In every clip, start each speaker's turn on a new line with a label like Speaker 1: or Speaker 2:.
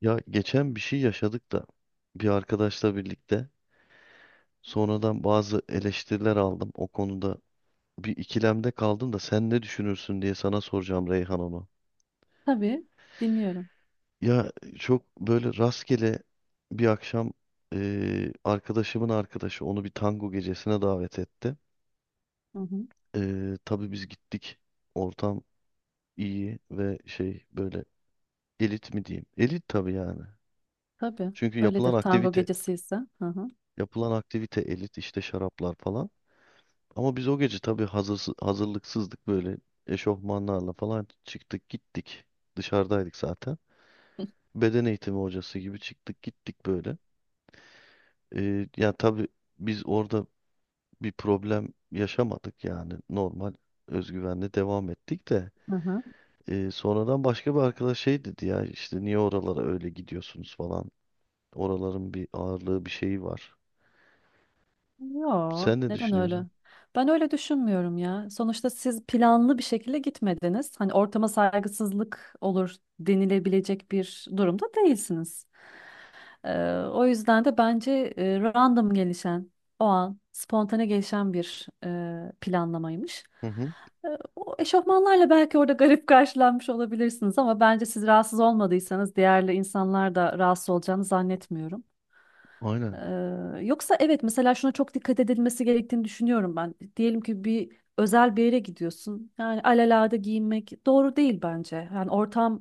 Speaker 1: Ya geçen bir şey yaşadık da bir arkadaşla birlikte sonradan bazı eleştiriler aldım. O konuda bir ikilemde kaldım da sen ne düşünürsün diye sana soracağım Reyhan onu.
Speaker 2: Tabii dinliyorum.
Speaker 1: Ya çok böyle rastgele bir akşam arkadaşımın arkadaşı onu bir tango gecesine davet etti.
Speaker 2: Hı hı.
Speaker 1: Tabii biz gittik. Ortam iyi ve şey böyle elit mi diyeyim? Elit tabii yani.
Speaker 2: Tabii
Speaker 1: Çünkü
Speaker 2: öyledir
Speaker 1: yapılan
Speaker 2: tango
Speaker 1: aktivite,
Speaker 2: gecesi ise. Hı hı.
Speaker 1: yapılan aktivite elit işte şaraplar falan. Ama biz o gece tabii hazırlıksızdık böyle eşofmanlarla falan çıktık gittik. Dışarıdaydık zaten. Beden eğitimi hocası gibi çıktık gittik böyle. Yani tabii biz orada bir problem yaşamadık yani normal özgüvenle devam ettik de.
Speaker 2: Hı hı.
Speaker 1: Sonradan başka bir arkadaş şey dedi ya işte niye oralara öyle gidiyorsunuz falan. Oraların bir ağırlığı bir şeyi var.
Speaker 2: Yo,
Speaker 1: Sen ne
Speaker 2: neden öyle?
Speaker 1: düşünüyorsun?
Speaker 2: Ben öyle düşünmüyorum ya. Sonuçta siz planlı bir şekilde gitmediniz. Hani ortama saygısızlık olur denilebilecek bir durumda değilsiniz. O yüzden de bence random gelişen, o an spontane gelişen bir planlamaymış.
Speaker 1: Hı hı.
Speaker 2: Ee, O eşofmanlarla belki orada garip karşılanmış olabilirsiniz ama bence siz rahatsız olmadıysanız diğerli insanlar da rahatsız olacağını zannetmiyorum.
Speaker 1: Aynen
Speaker 2: Yoksa evet mesela şuna çok dikkat edilmesi gerektiğini düşünüyorum ben. Diyelim ki bir özel bir yere gidiyorsun. Yani alelade giyinmek doğru değil bence. Yani ortama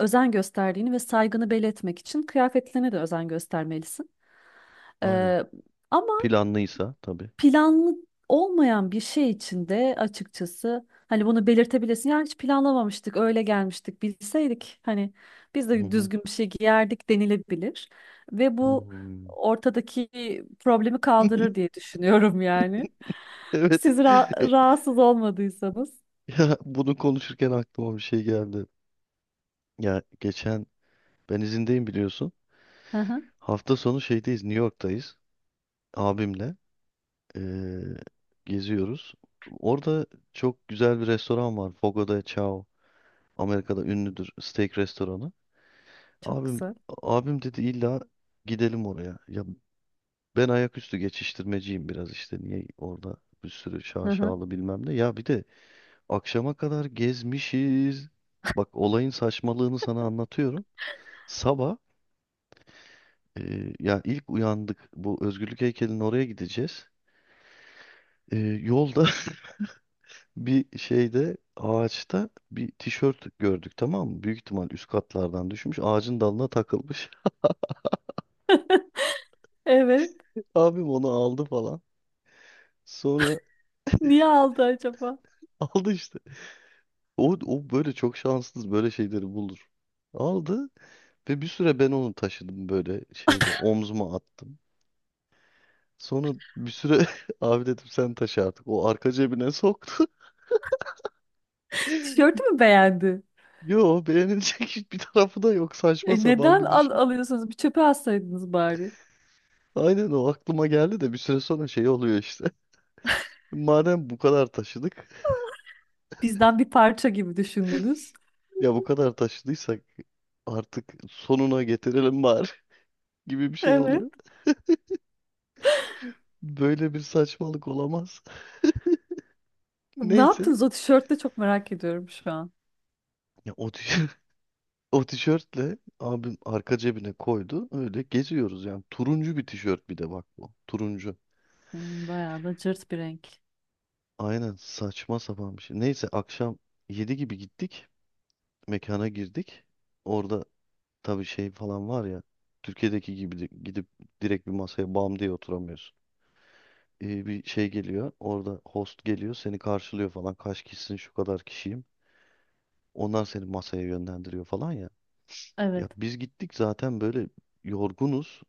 Speaker 2: özen gösterdiğini ve saygını belli etmek için kıyafetlerine de özen göstermelisin.
Speaker 1: aynen.
Speaker 2: Ee, Ama
Speaker 1: Planlıysa tabii.
Speaker 2: planlı olmayan bir şey için de açıkçası hani bunu belirtebilirsin. Ya hiç planlamamıştık, öyle gelmiştik, bilseydik hani biz
Speaker 1: Hı
Speaker 2: de
Speaker 1: hı.
Speaker 2: düzgün bir şey giyerdik denilebilir. Ve bu
Speaker 1: Hmm.
Speaker 2: ortadaki problemi kaldırır diye düşünüyorum yani.
Speaker 1: Evet.
Speaker 2: Siz ra- rahatsız olmadıysanız.
Speaker 1: Ya bunu konuşurken aklıma bir şey geldi. Ya geçen ben izindeyim biliyorsun.
Speaker 2: Hı hı,
Speaker 1: Hafta sonu şeydeyiz, New York'tayız. Abimle eee, geziyoruz. Orada çok güzel bir restoran var. Fogo de Chao. Amerika'da ünlüdür steak restoranı.
Speaker 2: çok
Speaker 1: Abim
Speaker 2: güzel.
Speaker 1: abim dedi illa gidelim oraya. Ya ben ayaküstü geçiştirmeciyim biraz işte. Niye orada bir sürü
Speaker 2: Hı hı.
Speaker 1: şaşalı bilmem ne. Ya bir de akşama kadar gezmişiz. Bak olayın saçmalığını sana anlatıyorum. Sabah ya ilk uyandık bu Özgürlük heykelinin oraya gideceğiz. E, Yolda bir şeyde ağaçta bir tişört gördük, tamam mı? Büyük ihtimal üst katlardan düşmüş ağacın dalına takılmış.
Speaker 2: Evet.
Speaker 1: Abim onu aldı falan. Sonra
Speaker 2: Niye aldı acaba?
Speaker 1: aldı işte. O böyle çok şanssız böyle şeyleri bulur. Aldı ve bir süre ben onu taşıdım böyle şeyde omzuma attım. Sonra bir süre abi dedim sen taşı artık. O arka cebine soktu.
Speaker 2: Tişörtü mü beğendi?
Speaker 1: Yo, beğenilecek hiçbir tarafı da yok. Saçma
Speaker 2: E
Speaker 1: sapan
Speaker 2: neden
Speaker 1: bir
Speaker 2: al
Speaker 1: düşün.
Speaker 2: alıyorsunuz? Bir çöpe atsaydınız bari.
Speaker 1: Aynen o aklıma geldi de bir süre sonra şey oluyor işte. Madem bu kadar taşıdık.
Speaker 2: Bizden bir parça gibi düşündünüz.
Speaker 1: Ya bu kadar taşıdıysak artık sonuna getirelim bari gibi bir şey
Speaker 2: Evet.
Speaker 1: oluyor. Böyle bir saçmalık olamaz.
Speaker 2: Ne
Speaker 1: Neyse.
Speaker 2: yaptınız o tişörtte çok merak ediyorum şu an.
Speaker 1: Ya o tişört, o tişörtle abim arka cebine koydu. Öyle geziyoruz yani. Turuncu bir tişört, bir de bak bu. Turuncu.
Speaker 2: Hmm, bayağı da cırt bir renk.
Speaker 1: Aynen saçma sapan bir şey. Neyse akşam 7 gibi gittik. Mekana girdik. Orada tabii şey falan var ya. Türkiye'deki gibi gidip direkt bir masaya bam diye oturamıyorsun. Bir şey geliyor. Orada host geliyor. Seni karşılıyor falan. Kaç kişisin, şu kadar kişiyim. Onlar seni masaya yönlendiriyor falan ya.
Speaker 2: Evet.
Speaker 1: Ya biz gittik zaten böyle yorgunuz.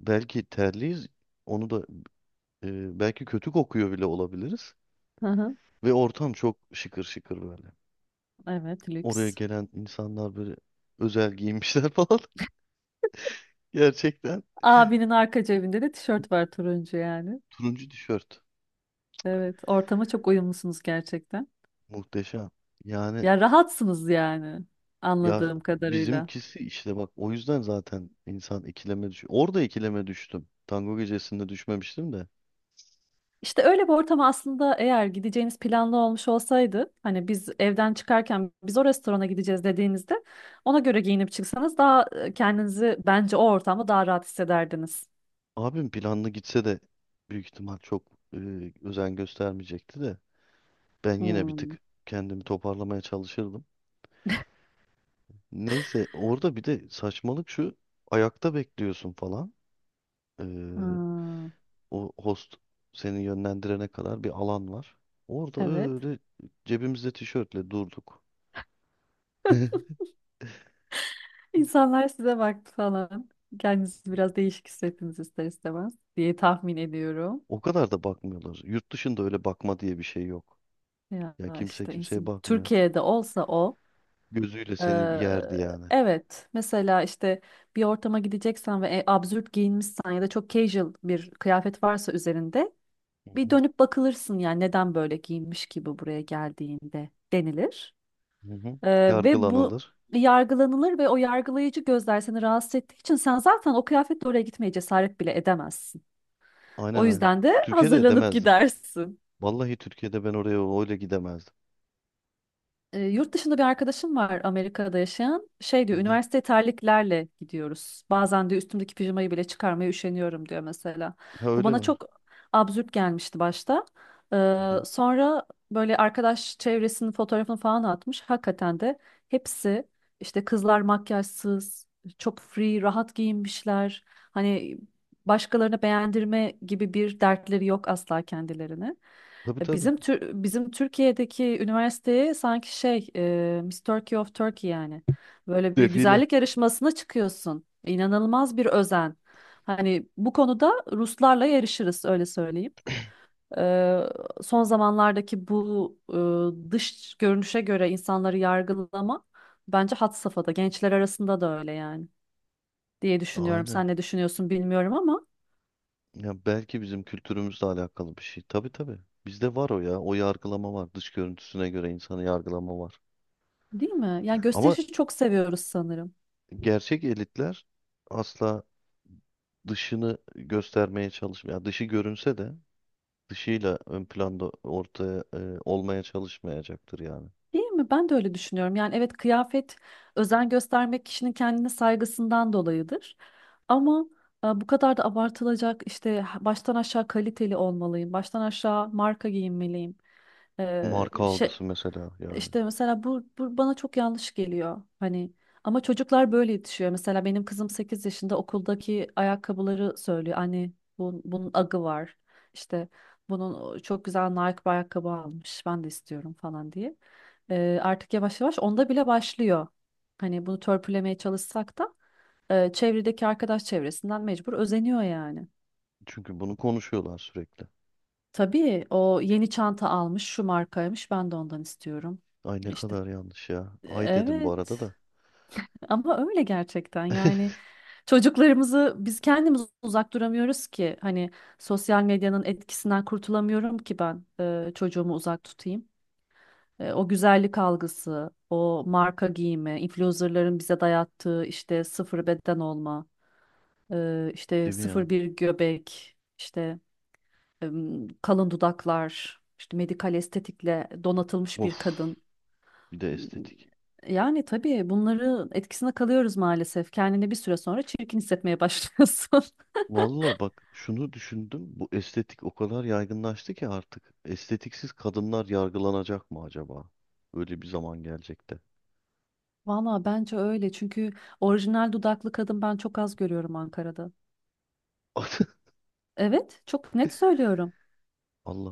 Speaker 1: Belki terliyiz. Onu da belki kötü kokuyor bile olabiliriz.
Speaker 2: Hı hı.
Speaker 1: Ve ortam çok şıkır şıkır böyle.
Speaker 2: Evet,
Speaker 1: Oraya
Speaker 2: lüks.
Speaker 1: gelen insanlar böyle özel giymişler falan. Gerçekten
Speaker 2: Abinin arka cebinde de tişört var turuncu yani.
Speaker 1: turuncu tişört.
Speaker 2: Evet, ortama çok uyumlusunuz gerçekten.
Speaker 1: Muhteşem. Yani
Speaker 2: Ya rahatsınız yani
Speaker 1: ya
Speaker 2: anladığım kadarıyla.
Speaker 1: bizimkisi işte bak o yüzden zaten insan ikileme düşüyor. Orada ikileme düştüm. Tango gecesinde düşmemiştim de.
Speaker 2: İşte öyle bir ortam aslında eğer gideceğiniz planlı olmuş olsaydı, hani biz evden çıkarken biz o restorana gideceğiz dediğinizde ona göre giyinip çıksanız daha kendinizi bence o ortamda daha rahat hissederdiniz.
Speaker 1: Abim planlı gitse de büyük ihtimal çok e, özen göstermeyecekti de. Ben yine bir
Speaker 2: Hmm.
Speaker 1: tık kendimi toparlamaya çalışırdım. Neyse orada bir de saçmalık şu, ayakta bekliyorsun falan.
Speaker 2: Ha,
Speaker 1: O host seni yönlendirene kadar bir alan var. Orada
Speaker 2: evet.
Speaker 1: öyle cebimizde tişörtle durduk.
Speaker 2: İnsanlar size baktı falan. Kendinizi biraz değişik hissettiniz ister istemez diye tahmin ediyorum.
Speaker 1: O kadar da bakmıyorlar. Yurt dışında öyle bakma diye bir şey yok.
Speaker 2: Ya
Speaker 1: Ya kimse
Speaker 2: işte
Speaker 1: kimseye
Speaker 2: insan,
Speaker 1: bakmıyor.
Speaker 2: Türkiye'de olsa o.
Speaker 1: Gözüyle seni yerdi yani.
Speaker 2: Evet. Mesela işte bir ortama gideceksen ve absürt giyinmişsen ya da çok casual bir kıyafet varsa üzerinde
Speaker 1: Hı
Speaker 2: bir
Speaker 1: hı.
Speaker 2: dönüp bakılırsın yani neden böyle giyinmiş gibi buraya geldiğinde denilir.
Speaker 1: Hı hı.
Speaker 2: Ve bu
Speaker 1: Yargılanılır.
Speaker 2: yargılanılır ve o yargılayıcı gözler seni rahatsız ettiği için sen zaten o kıyafetle oraya gitmeye cesaret bile edemezsin. O
Speaker 1: Aynen aynen.
Speaker 2: yüzden de
Speaker 1: Türkiye'de
Speaker 2: hazırlanıp
Speaker 1: edemezdim.
Speaker 2: gidersin.
Speaker 1: Vallahi Türkiye'de ben oraya öyle gidemezdim.
Speaker 2: Yurt dışında bir arkadaşım var Amerika'da yaşayan. Şey
Speaker 1: Hı
Speaker 2: diyor,
Speaker 1: hı.
Speaker 2: üniversiteye terliklerle gidiyoruz. Bazen diyor üstümdeki pijamayı bile çıkarmaya üşeniyorum diyor mesela.
Speaker 1: Ha,
Speaker 2: Bu
Speaker 1: öyle
Speaker 2: bana
Speaker 1: var.
Speaker 2: çok absürt gelmişti başta.
Speaker 1: Hı hı.
Speaker 2: Sonra böyle arkadaş çevresinin fotoğrafını falan atmış. Hakikaten de hepsi işte kızlar makyajsız, çok free, rahat giyinmişler. Hani başkalarına beğendirme gibi bir dertleri yok asla kendilerine.
Speaker 1: Tabii tabii.
Speaker 2: Bizim bizim Türkiye'deki üniversiteye sanki şey Miss Turkey of Turkey yani. Böyle bir
Speaker 1: Defile.
Speaker 2: güzellik yarışmasına çıkıyorsun. İnanılmaz bir özen. Hani bu konuda Ruslarla yarışırız öyle söyleyeyim. E, Son zamanlardaki bu dış görünüşe göre insanları yargılama bence had safhada. Gençler arasında da öyle yani diye düşünüyorum.
Speaker 1: Aynen.
Speaker 2: Sen ne düşünüyorsun bilmiyorum ama
Speaker 1: Ya belki bizim kültürümüzle alakalı bir şey. Tabii tabii. Bizde var o ya. O yargılama var. Dış görüntüsüne göre insanı yargılama var.
Speaker 2: değil mi? Yani
Speaker 1: Ama
Speaker 2: gösterişi çok seviyoruz sanırım.
Speaker 1: gerçek elitler asla dışını göstermeye çalışmıyor. Yani dışı görünse de dışıyla ön planda ortaya olmaya çalışmayacaktır yani.
Speaker 2: Değil mi? Ben de öyle düşünüyorum. Yani evet kıyafet özen göstermek kişinin kendine saygısından dolayıdır. Ama bu kadar da abartılacak işte baştan aşağı kaliteli olmalıyım, baştan aşağı marka giyinmeliyim.
Speaker 1: Marka algısı mesela yani.
Speaker 2: İşte mesela bu bana çok yanlış geliyor. Hani ama çocuklar böyle yetişiyor. Mesela benim kızım 8 yaşında okuldaki ayakkabıları söylüyor. Anne bunun agı var. İşte bunun o çok güzel Nike bir ayakkabı almış. Ben de istiyorum falan diye. Artık yavaş yavaş onda bile başlıyor. Hani bunu törpülemeye çalışsak da çevredeki arkadaş çevresinden mecbur özeniyor yani.
Speaker 1: Çünkü bunu konuşuyorlar sürekli.
Speaker 2: Tabii o yeni çanta almış, şu markaymış. Ben de ondan istiyorum.
Speaker 1: Ay ne
Speaker 2: İşte
Speaker 1: kadar yanlış ya. Ay dedim bu arada
Speaker 2: evet.
Speaker 1: da.
Speaker 2: Ama öyle gerçekten yani çocuklarımızı biz kendimiz uzak duramıyoruz ki hani sosyal medyanın etkisinden kurtulamıyorum ki ben çocuğumu uzak tutayım. O güzellik algısı, o marka giyimi, influencerların bize dayattığı işte sıfır beden olma, işte
Speaker 1: Değil mi ya?
Speaker 2: sıfır bir göbek, işte kalın dudaklar, işte medikal estetikle donatılmış bir
Speaker 1: Of.
Speaker 2: kadın.
Speaker 1: Bir de estetik.
Speaker 2: Yani tabii bunları etkisine kalıyoruz maalesef. Kendini bir süre sonra çirkin hissetmeye başlıyorsun.
Speaker 1: Vallahi bak şunu düşündüm. Bu estetik o kadar yaygınlaştı ki artık. Estetiksiz kadınlar yargılanacak mı acaba? Öyle bir zaman gelecek de.
Speaker 2: Valla bence öyle çünkü orijinal dudaklı kadın ben çok az görüyorum Ankara'da. Evet, çok net söylüyorum.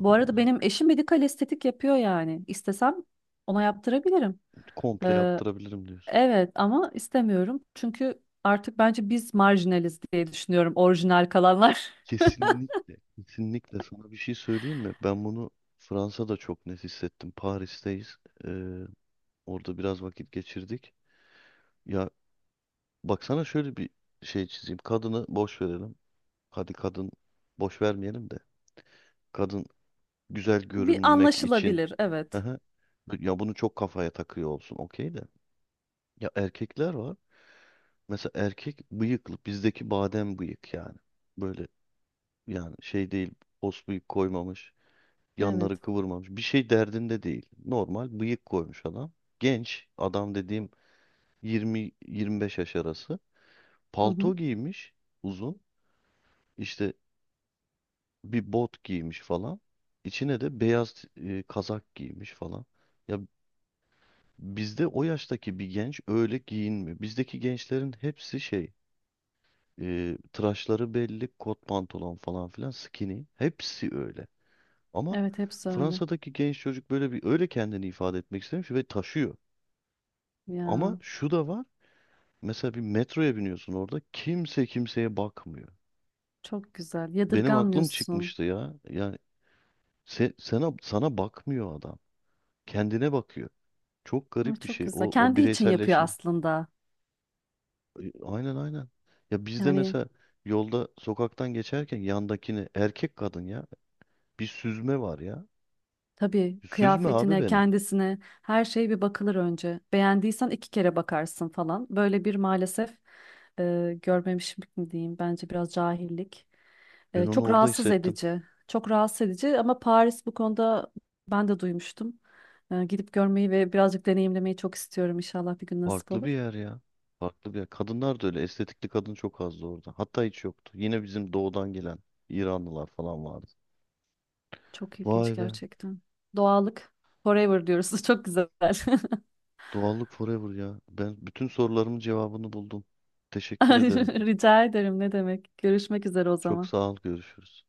Speaker 2: Bu arada
Speaker 1: ya.
Speaker 2: benim eşim medikal estetik yapıyor yani. İstesem ona yaptırabilirim.
Speaker 1: Komple
Speaker 2: Ee,
Speaker 1: yaptırabilirim diyorsun.
Speaker 2: evet ama istemiyorum çünkü artık bence biz marjinaliz diye düşünüyorum orijinal kalanlar.
Speaker 1: Kesinlikle. Kesinlikle sana bir şey söyleyeyim mi? Ben bunu Fransa'da çok net hissettim. Paris'teyiz. Ee, Orada biraz vakit geçirdik. Ya baksana şöyle bir şey çizeyim. Kadını boş verelim. Hadi kadın boş vermeyelim de. Kadın güzel
Speaker 2: Bir
Speaker 1: görünmek için.
Speaker 2: anlaşılabilir, evet.
Speaker 1: Aha. Ya bunu çok kafaya takıyor olsun, okey de. Ya erkekler var. Mesela erkek bıyıklı, bizdeki badem bıyık yani. Böyle yani şey değil, pos bıyık koymamış. Yanları
Speaker 2: Evet.
Speaker 1: kıvırmamış. Bir şey derdinde değil. Normal bıyık koymuş adam. Genç adam dediğim 20-25 yaş arası.
Speaker 2: Hı hı.
Speaker 1: Palto giymiş uzun. İşte bir bot giymiş falan. İçine de beyaz kazak giymiş falan. Ya bizde o yaştaki bir genç öyle giyinmiyor. Bizdeki gençlerin hepsi şey, tıraşları belli, kot pantolon falan filan, skinny. Hepsi öyle. Ama
Speaker 2: Evet, hepsi öyle.
Speaker 1: Fransa'daki genç çocuk böyle bir öyle kendini ifade etmek istemiş ve taşıyor.
Speaker 2: Ya.
Speaker 1: Ama şu da var. Mesela bir metroya biniyorsun orada kimse kimseye bakmıyor.
Speaker 2: Çok güzel.
Speaker 1: Benim aklım
Speaker 2: Yadırganmıyorsun.
Speaker 1: çıkmıştı ya. Yani sana bakmıyor adam. Kendine bakıyor. Çok
Speaker 2: Hı,
Speaker 1: garip bir
Speaker 2: çok
Speaker 1: şey
Speaker 2: güzel.
Speaker 1: o
Speaker 2: Kendi için yapıyor
Speaker 1: bireyselleşme.
Speaker 2: aslında.
Speaker 1: Aynen aynen. Ya bizde
Speaker 2: Yani
Speaker 1: mesela yolda sokaktan geçerken yandakini, erkek kadın, ya bir süzme var ya.
Speaker 2: tabii
Speaker 1: Süzme abi
Speaker 2: kıyafetine,
Speaker 1: beni.
Speaker 2: kendisine her şey bir bakılır önce. Beğendiysen iki kere bakarsın falan. Böyle bir maalesef görmemişlik mi diyeyim? Bence biraz cahillik.
Speaker 1: Ben onu
Speaker 2: Çok
Speaker 1: orada
Speaker 2: rahatsız
Speaker 1: hissettim.
Speaker 2: edici. Çok rahatsız edici ama Paris bu konuda ben de duymuştum. Gidip görmeyi ve birazcık deneyimlemeyi çok istiyorum. İnşallah bir gün nasip
Speaker 1: Farklı bir
Speaker 2: olur.
Speaker 1: yer ya. Farklı bir yer. Kadınlar da öyle. Estetikli kadın çok azdı orada. Hatta hiç yoktu. Yine bizim doğudan gelen İranlılar falan vardı.
Speaker 2: Çok ilginç
Speaker 1: Vay be.
Speaker 2: gerçekten. Doğallık. Forever diyoruz. Çok güzel.
Speaker 1: Doğallık forever ya. Ben bütün sorularımın cevabını buldum. Teşekkür ederim.
Speaker 2: Rica ederim. Ne demek? Görüşmek üzere o
Speaker 1: Çok
Speaker 2: zaman.
Speaker 1: sağ ol. Görüşürüz.